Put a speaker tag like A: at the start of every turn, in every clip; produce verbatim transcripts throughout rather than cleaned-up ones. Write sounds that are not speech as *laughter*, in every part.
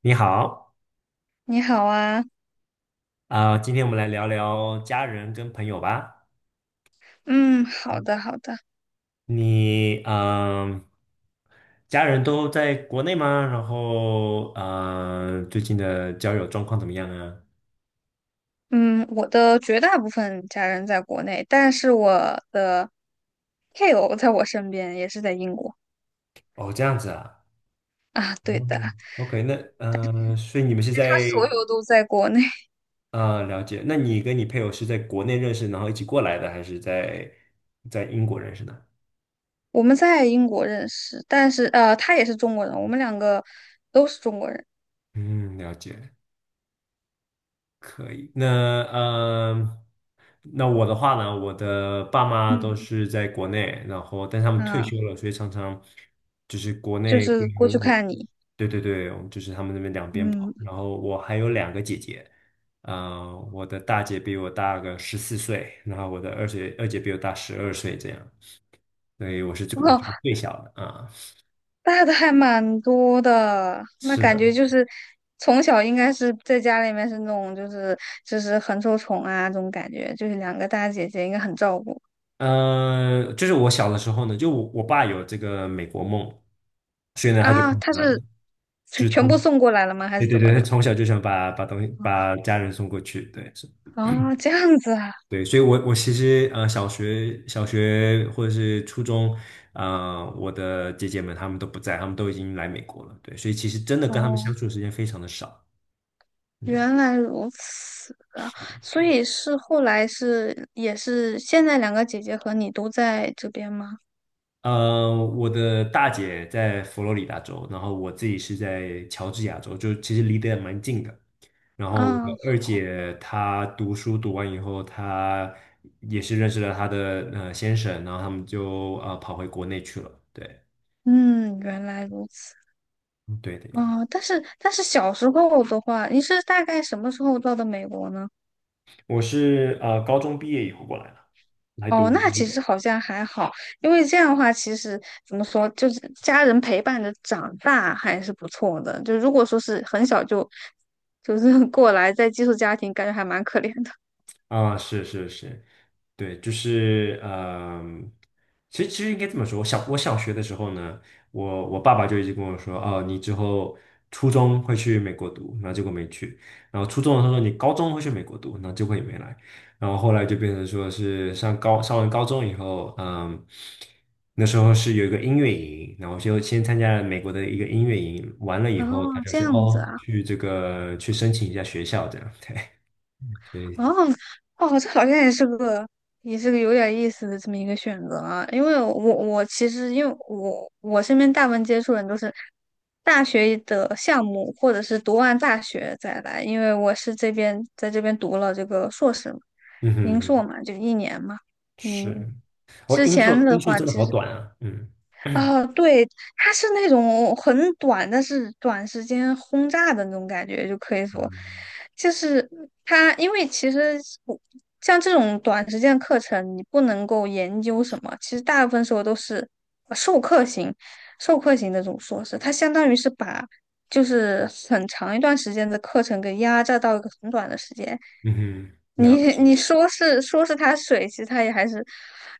A: 你好，
B: 你好啊。
A: 啊、今天我们来聊聊家人跟朋友吧。
B: 嗯，好的，好的。
A: 你，嗯、家人都在国内吗？然后，嗯、最近的交友状况怎么样啊？
B: 嗯，我的绝大部分家人在国内，但是我的配偶在我身边，也是在英国。
A: 哦，这样子啊。
B: 啊，对的，
A: 嗯，OK，那，嗯、所以你们是
B: 他
A: 在，
B: 所有都在国内。*laughs*
A: 呃，了解。那你跟你配偶是在国内认识，然后一起过来的，还是在在英国认识的？
B: 我们在英国认识，但是呃，他也是中国人，我们两个都是中国人。
A: 嗯，了解。可以，那呃，那我的话呢，我的爸妈都
B: 嗯，
A: 是在国内，然后但他们退
B: 啊，
A: 休了，所以常常就是国
B: 就
A: 内
B: 是过去
A: 跟我，
B: 看你。
A: 对对对，我们这边跑。
B: 嗯，
A: 然
B: *laughs*
A: 后我还有两个姐姐，呃，我的大姐比我大个十四岁，然后我的二姐二姐比我大十二岁，这样，所以我是这个
B: 哦。
A: 我是个最小的啊。
B: 大的还蛮多的，那
A: 是
B: 感
A: 的，
B: 觉就是从小应该是在家里面是那种就是就是很受宠啊这种感觉，就是两个大姐姐应该很照顾
A: 呃，就是我小的时候呢，就我我爸有这个美国梦，所以呢他就
B: 啊。
A: 跑
B: 她
A: 过来了。
B: 是全全部送过来了吗？还
A: 对
B: 是
A: 对
B: 怎么
A: 对，他
B: 的？
A: 从小就想把把东西把家人送过去，对是，
B: 啊，这样子啊。
A: 对，所以我我其实呃小学小学或者是初中，啊、我的姐姐们她们都不在，她们都已经来美国了，对，所以其实真的跟她们相
B: 哦，
A: 处的时间非常的少，嗯，
B: 原来如此啊。
A: 是，
B: 所以是后来是也是现在两个姐姐和你都在这边吗？
A: 呃，我的大姐在佛罗里达州，然后我自己是在乔治亚州，就其实离得也蛮近的，然后我的
B: 啊，
A: 二姐她读书读完以后，她也是认识了她的呃先生，然后他们就呃跑回国内去了。对，
B: 嗯，原来如此。
A: 嗯对的呀。
B: 哦，但是但是小时候的话，你是大概什么时候到的美国呢？
A: 我是呃高中毕业以后过来的，来读。
B: 哦，那其实好像还好，因为这样的话，其实怎么说，就是家人陪伴着长大还是不错的。就如果说是很小就就是 *laughs* 过来在寄宿家庭，感觉还蛮可怜的。
A: 啊，是是是，对，就是嗯，其实其实应该这么说，我小我小学的时候呢，我我爸爸就一直跟我说，哦，你之后初中会去美国读，然后结果没去，然后初中的时候说你高中会去美国读，然后结果也没来，然后后来就变成说是上高上完高中以后，嗯，那时候是有一个音乐营，然后就先参加了美国的一个音乐营，完了
B: *laughs*
A: 以
B: 哦，
A: 后他就
B: 这
A: 说，
B: 样子
A: 哦，
B: 啊。
A: 去这个去申请一下学校这样，对，所
B: 哦
A: 以
B: 哦，这好像也是个也是个有点意思的这么一个选择啊，因为我我其实因为我我身边大部分接触人都是大学的项目，或者是读完大学再来，因为我是这边在这边读了这个硕士嘛，
A: 嗯
B: 零硕
A: 哼。
B: 嘛，就一年嘛。嗯，
A: 是，我
B: 之
A: 音
B: 前
A: 速
B: 的
A: 音速
B: 话
A: 真的
B: 其
A: 好
B: 实。
A: 短啊，嗯 *clears throat*
B: 啊，对，它是那种很短，但是短时间轰炸的那种感觉，就可以说，
A: 嗯
B: 就是它，因为其实我像这种短时间课程，你不能够研究什么，其实大部分时候都是呃授课型，授课型的这种硕士，它相当于是把就是很长一段时间的课程给压榨到一个很短的时间，
A: 嗯，了
B: 你
A: 解，
B: 你说是说是它水，其实它也还是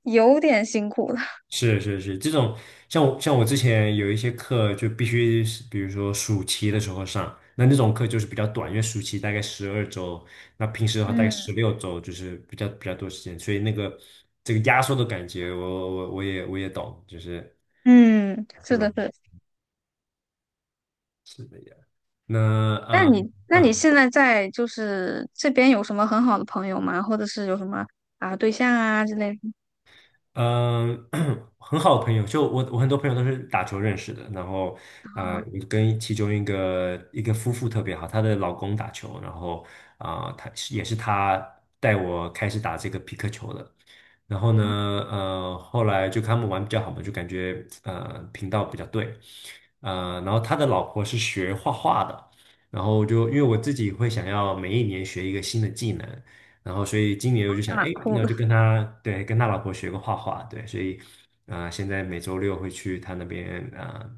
B: 有点辛苦的。
A: 是是是，这种像我像我之前有一些课就必须是，比如说暑期的时候上，那那种课就是比较短，因为暑期大概十二周，那平时的话大概十
B: 嗯。
A: 六周，就是比较比较多时间，所以那个这个压缩的感觉我，我我也我也懂，就是
B: 嗯，
A: 不
B: 是
A: 容
B: 的，是
A: 易，
B: 的。
A: 是的呀。那
B: 那
A: 呃。
B: 你，那你
A: 嗯
B: 现在在就是这边有什么很好的朋友吗？或者是有什么啊对象啊之类的？
A: 嗯，*clears throat* 很好的朋友，就我我很多朋友都是打球认识的，然后啊、呃，我跟其中一个一个夫妇特别好，她的老公打球，然后啊、她也是她带我开始打这个皮克球的，然后呢，
B: 啊，
A: 呃，后来就跟他们玩比较好嘛，就感觉呃频道比较对，呃，然后他的老婆是学画画的，然后就因为我自己会想要每一年学一个新的技能。然后所以今年我就
B: 还
A: 想，哎，
B: 蛮酷
A: 那我
B: 的。
A: 就跟他对跟他老婆学个画画，对，所以啊、呃现在每周六会去他那边，啊、呃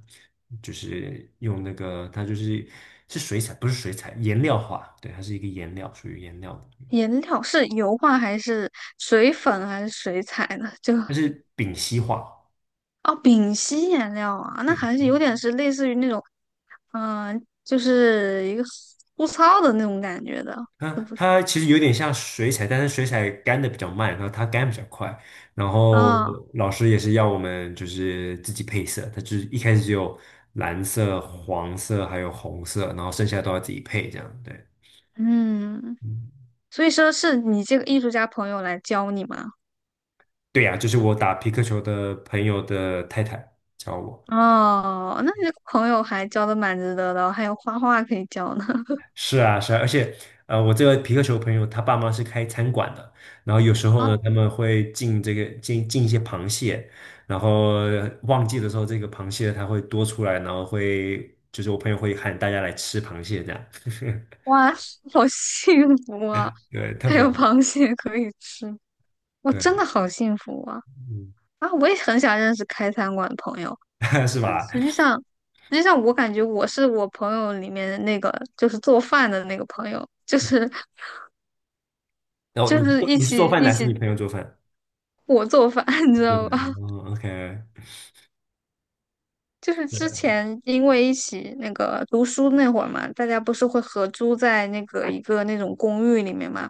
A: 就是用那个他就是是水彩，不是水彩，颜料画，对，它是一个颜料，属于颜料的，
B: 颜料是油画还是水粉还是水彩呢？*laughs* 就
A: 它是丙烯画。
B: 哦，丙烯颜料啊，那
A: 对。
B: 还是有点是类似于那种。嗯、就是一个粗糙的那种感觉的，是
A: 它
B: 不是？
A: 它其实有点像水彩，但是水彩干的比较慢，然后它干比较快。然后
B: 啊、
A: 老师也是要我们就是自己配色，他就是一开始只有蓝色、黄色还有红色，然后剩下都要自己配这样。对，
B: 嗯，
A: 嗯，
B: 所以说是你这个艺术家朋友来教你吗？
A: 对呀、就是我打皮克球的朋友的太太教我。
B: 哦，那你这个朋友还交的蛮值得的哦还有画画可以交呢。*laughs*
A: 是啊，是啊，而且，呃，我这个皮克球朋友他爸妈是开餐馆的，然后有时候
B: 啊，
A: 呢，他们会进这个进进一些螃蟹，然后旺季的时候，这个螃蟹它会多出来，然后会就是我朋友会喊大家来吃螃蟹这样，*laughs*
B: 哇，好幸福啊！
A: 对，特
B: 还
A: 别
B: 有
A: 好，
B: 螃蟹可以吃，我真
A: 对，
B: 的好幸福啊！
A: 嗯，
B: 啊，我也很想认识开餐馆的朋友，
A: *laughs* 是
B: 但是
A: 吧？
B: 实际上，实际上我感觉我是我朋友里面的那个就是做饭的那个朋友，就是
A: 然后
B: 就
A: 你是
B: 是
A: 做
B: 一
A: 你是做
B: 起
A: 饭的
B: 一
A: 还是
B: 起
A: 你朋友做饭？
B: 我做饭，*laughs* 你知
A: 做
B: 道吧？
A: 饭，哦，OK，
B: 就是
A: 对，
B: 之前因为一起那个读书那会儿嘛，大家不是会合租在那个一个那种公寓里面嘛，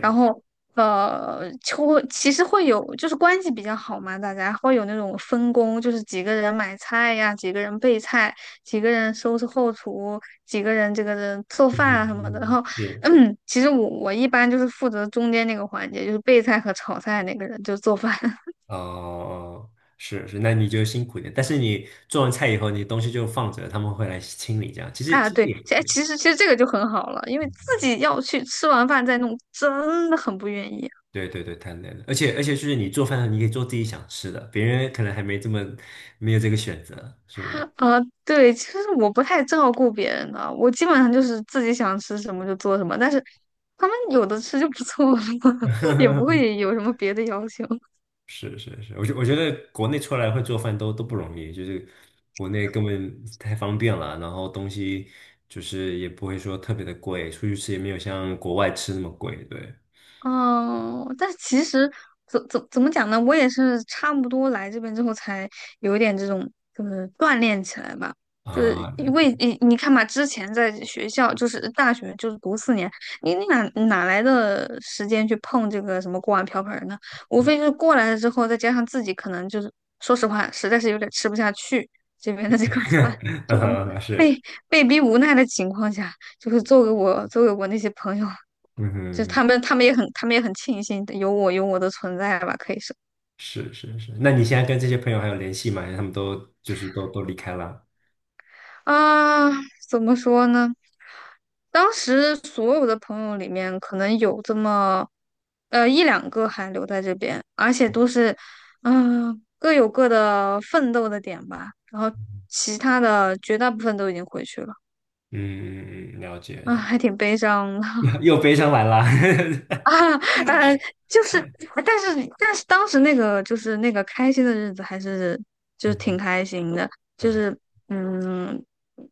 B: 然后呃，就会其实会有就是关系比较好嘛，大家会有那种分工，就是几个人买菜呀，几个人备菜，几个人收拾后厨，几个人这个人做
A: 嗯哼
B: 饭啊什么的。然
A: 嗯哼，
B: 后，
A: 是。
B: 嗯，其实我我一般就是负责中间那个环节，就是备菜和炒菜那个人，就做饭。*laughs*
A: 哦，是是，那你就辛苦一点。但是你做完菜以后，你东西就放着，他们会来清理。这样其实
B: 啊，
A: 其实
B: 对，
A: 也
B: 其哎
A: 可以。
B: 其实其实这个就很好了，因为自
A: 嗯
B: 己要去吃完饭再弄，真的很不愿意。
A: 对对对，太累了。而且而且就是你做饭，你可以做自己想吃的，别人可能还没这么没有这个选择，是不是？
B: 啊，对，其实我不太照顾别人的，我基本上就是自己想吃什么就做什么，但是他们有的吃就不错了，*laughs* 也不
A: *laughs*
B: 会有什么别的要求。
A: 是是是，我觉我觉得国内出来会做饭都都不容易，就是国内根本太方便了，然后东西就是也不会说特别的贵，出去吃也没有像国外吃那么贵，对
B: 哦，但其实怎怎怎么讲呢？我也是差不多来这边之后才有一点这种，就是锻炼起来吧。就是
A: 啊，*laughs* 那
B: 因为你你看嘛，之前在学校就是大学就是读四年，你你哪哪来的时间去碰这个什么锅碗瓢盆儿呢？无非就是过来了之后，再加上自己可能就是说实话，实在是有点吃不下去这边的这个 *laughs* 饭，就
A: 啊是。
B: 被逼无奈的情况下，就是做给我做给我那些朋友
A: 嗯
B: 就
A: 哼，
B: 他们，他们也很，他们也很庆幸有我，有我的存在吧，可以是
A: 是是是。那你现在跟这些朋友还有联系吗？他们都就是都都离开了。
B: 啊，怎么说呢？当时所有的朋友里面，可能有这么呃一两个还留在这边，而且都是嗯、各有各的奋斗的点吧，然后其他的绝大部分都已经回去了。
A: 嗯，嗯嗯嗯，了
B: 啊，
A: 解。
B: 还挺悲伤的。
A: *laughs* 又又悲伤完了。
B: 啊，呃，就是，但是但是当时那个就是那个开心的日子还是就是挺开心的。
A: *laughs*
B: 就
A: 嗯，
B: 是嗯，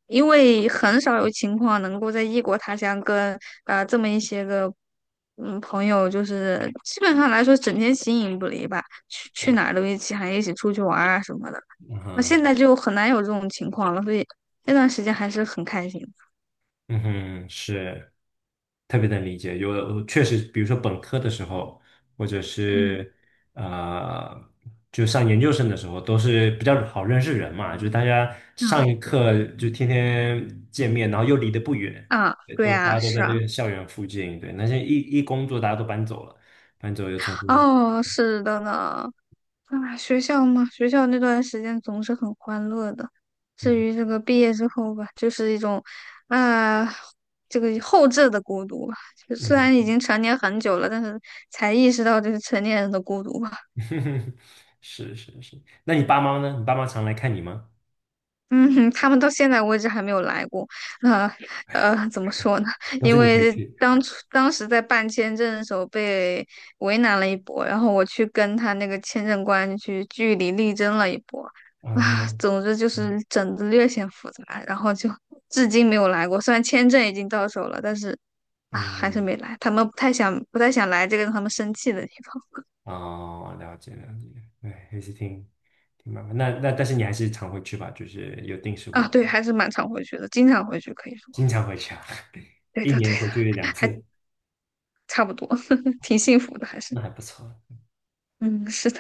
B: 因为很少有情况能够在异国他乡跟啊这么一些个嗯朋友，就是基本上来说整天形影不离吧，去去
A: 对，
B: 哪儿都一起，还一起出去玩儿啊什么的。
A: 嗯
B: 那
A: 哼，
B: 现在就很难有这种情况了，所以那段时间还是很开心的。
A: 嗯哼，是。特别能理解。有的确实，比如说本科的时候，或者
B: 嗯，
A: 是呃，就上研究生的时候，都是比较好认识人嘛，就是大家上
B: 嗯
A: 一课就天天见面，然后又离得不远，
B: 啊，
A: 对
B: 对
A: 都大
B: 啊，
A: 家都
B: 是
A: 在这
B: 啊。
A: 个校园附近。对，那些一一工作，大家都搬走了。
B: 哦，是的呢。啊，学校嘛，学校那段时间总是很欢乐的。至
A: 嗯
B: 于这个毕业之后吧，就是一种，啊、这个后置的孤独吧。就虽
A: 嗯，
B: 然已经成年很久了，但是才意识到这是成年人的孤独吧。
A: *laughs* 是是是。那你爸妈呢？你爸妈常来看你吗？
B: 嗯哼，他们到现在为止还没有来过。那呃，呃怎么说呢？*laughs*
A: 都是
B: 因
A: 你回
B: 为
A: 去？
B: 当初当时在办签证的时候被为难了一波，然后我去跟他那个签证官去据理力争了一波。
A: 啊、
B: 啊，
A: 嗯，
B: 总之就是整的略显复杂，然后就至今没有来过。虽然签证已经到手了，但是啊，还是
A: 嗯
B: 没来。他们不太想不太想来这个让他们生气的地方。
A: 哦，了解了解，对，也是挺挺麻烦。那那但是你还是常回去吧，就是有定时
B: *laughs*
A: 回
B: 啊。
A: 去
B: 对，还是蛮常回去的，经常回去可以说。
A: 经常回去啊，*laughs*
B: 对
A: 一
B: 的，
A: 年
B: 对的。
A: 回去两
B: *laughs* 还
A: 次，
B: 差不多。*laughs* 挺幸福的，还是。
A: 那还不错。
B: 嗯，是的。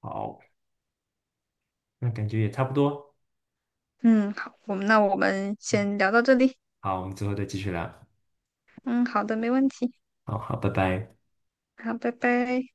A: 好，那感觉也差不多。
B: 嗯，好，我们那我们先聊到这里。
A: 好，我们之后再继续聊。
B: 嗯，好的，没问题。
A: 好好，拜拜。
B: 好，拜拜。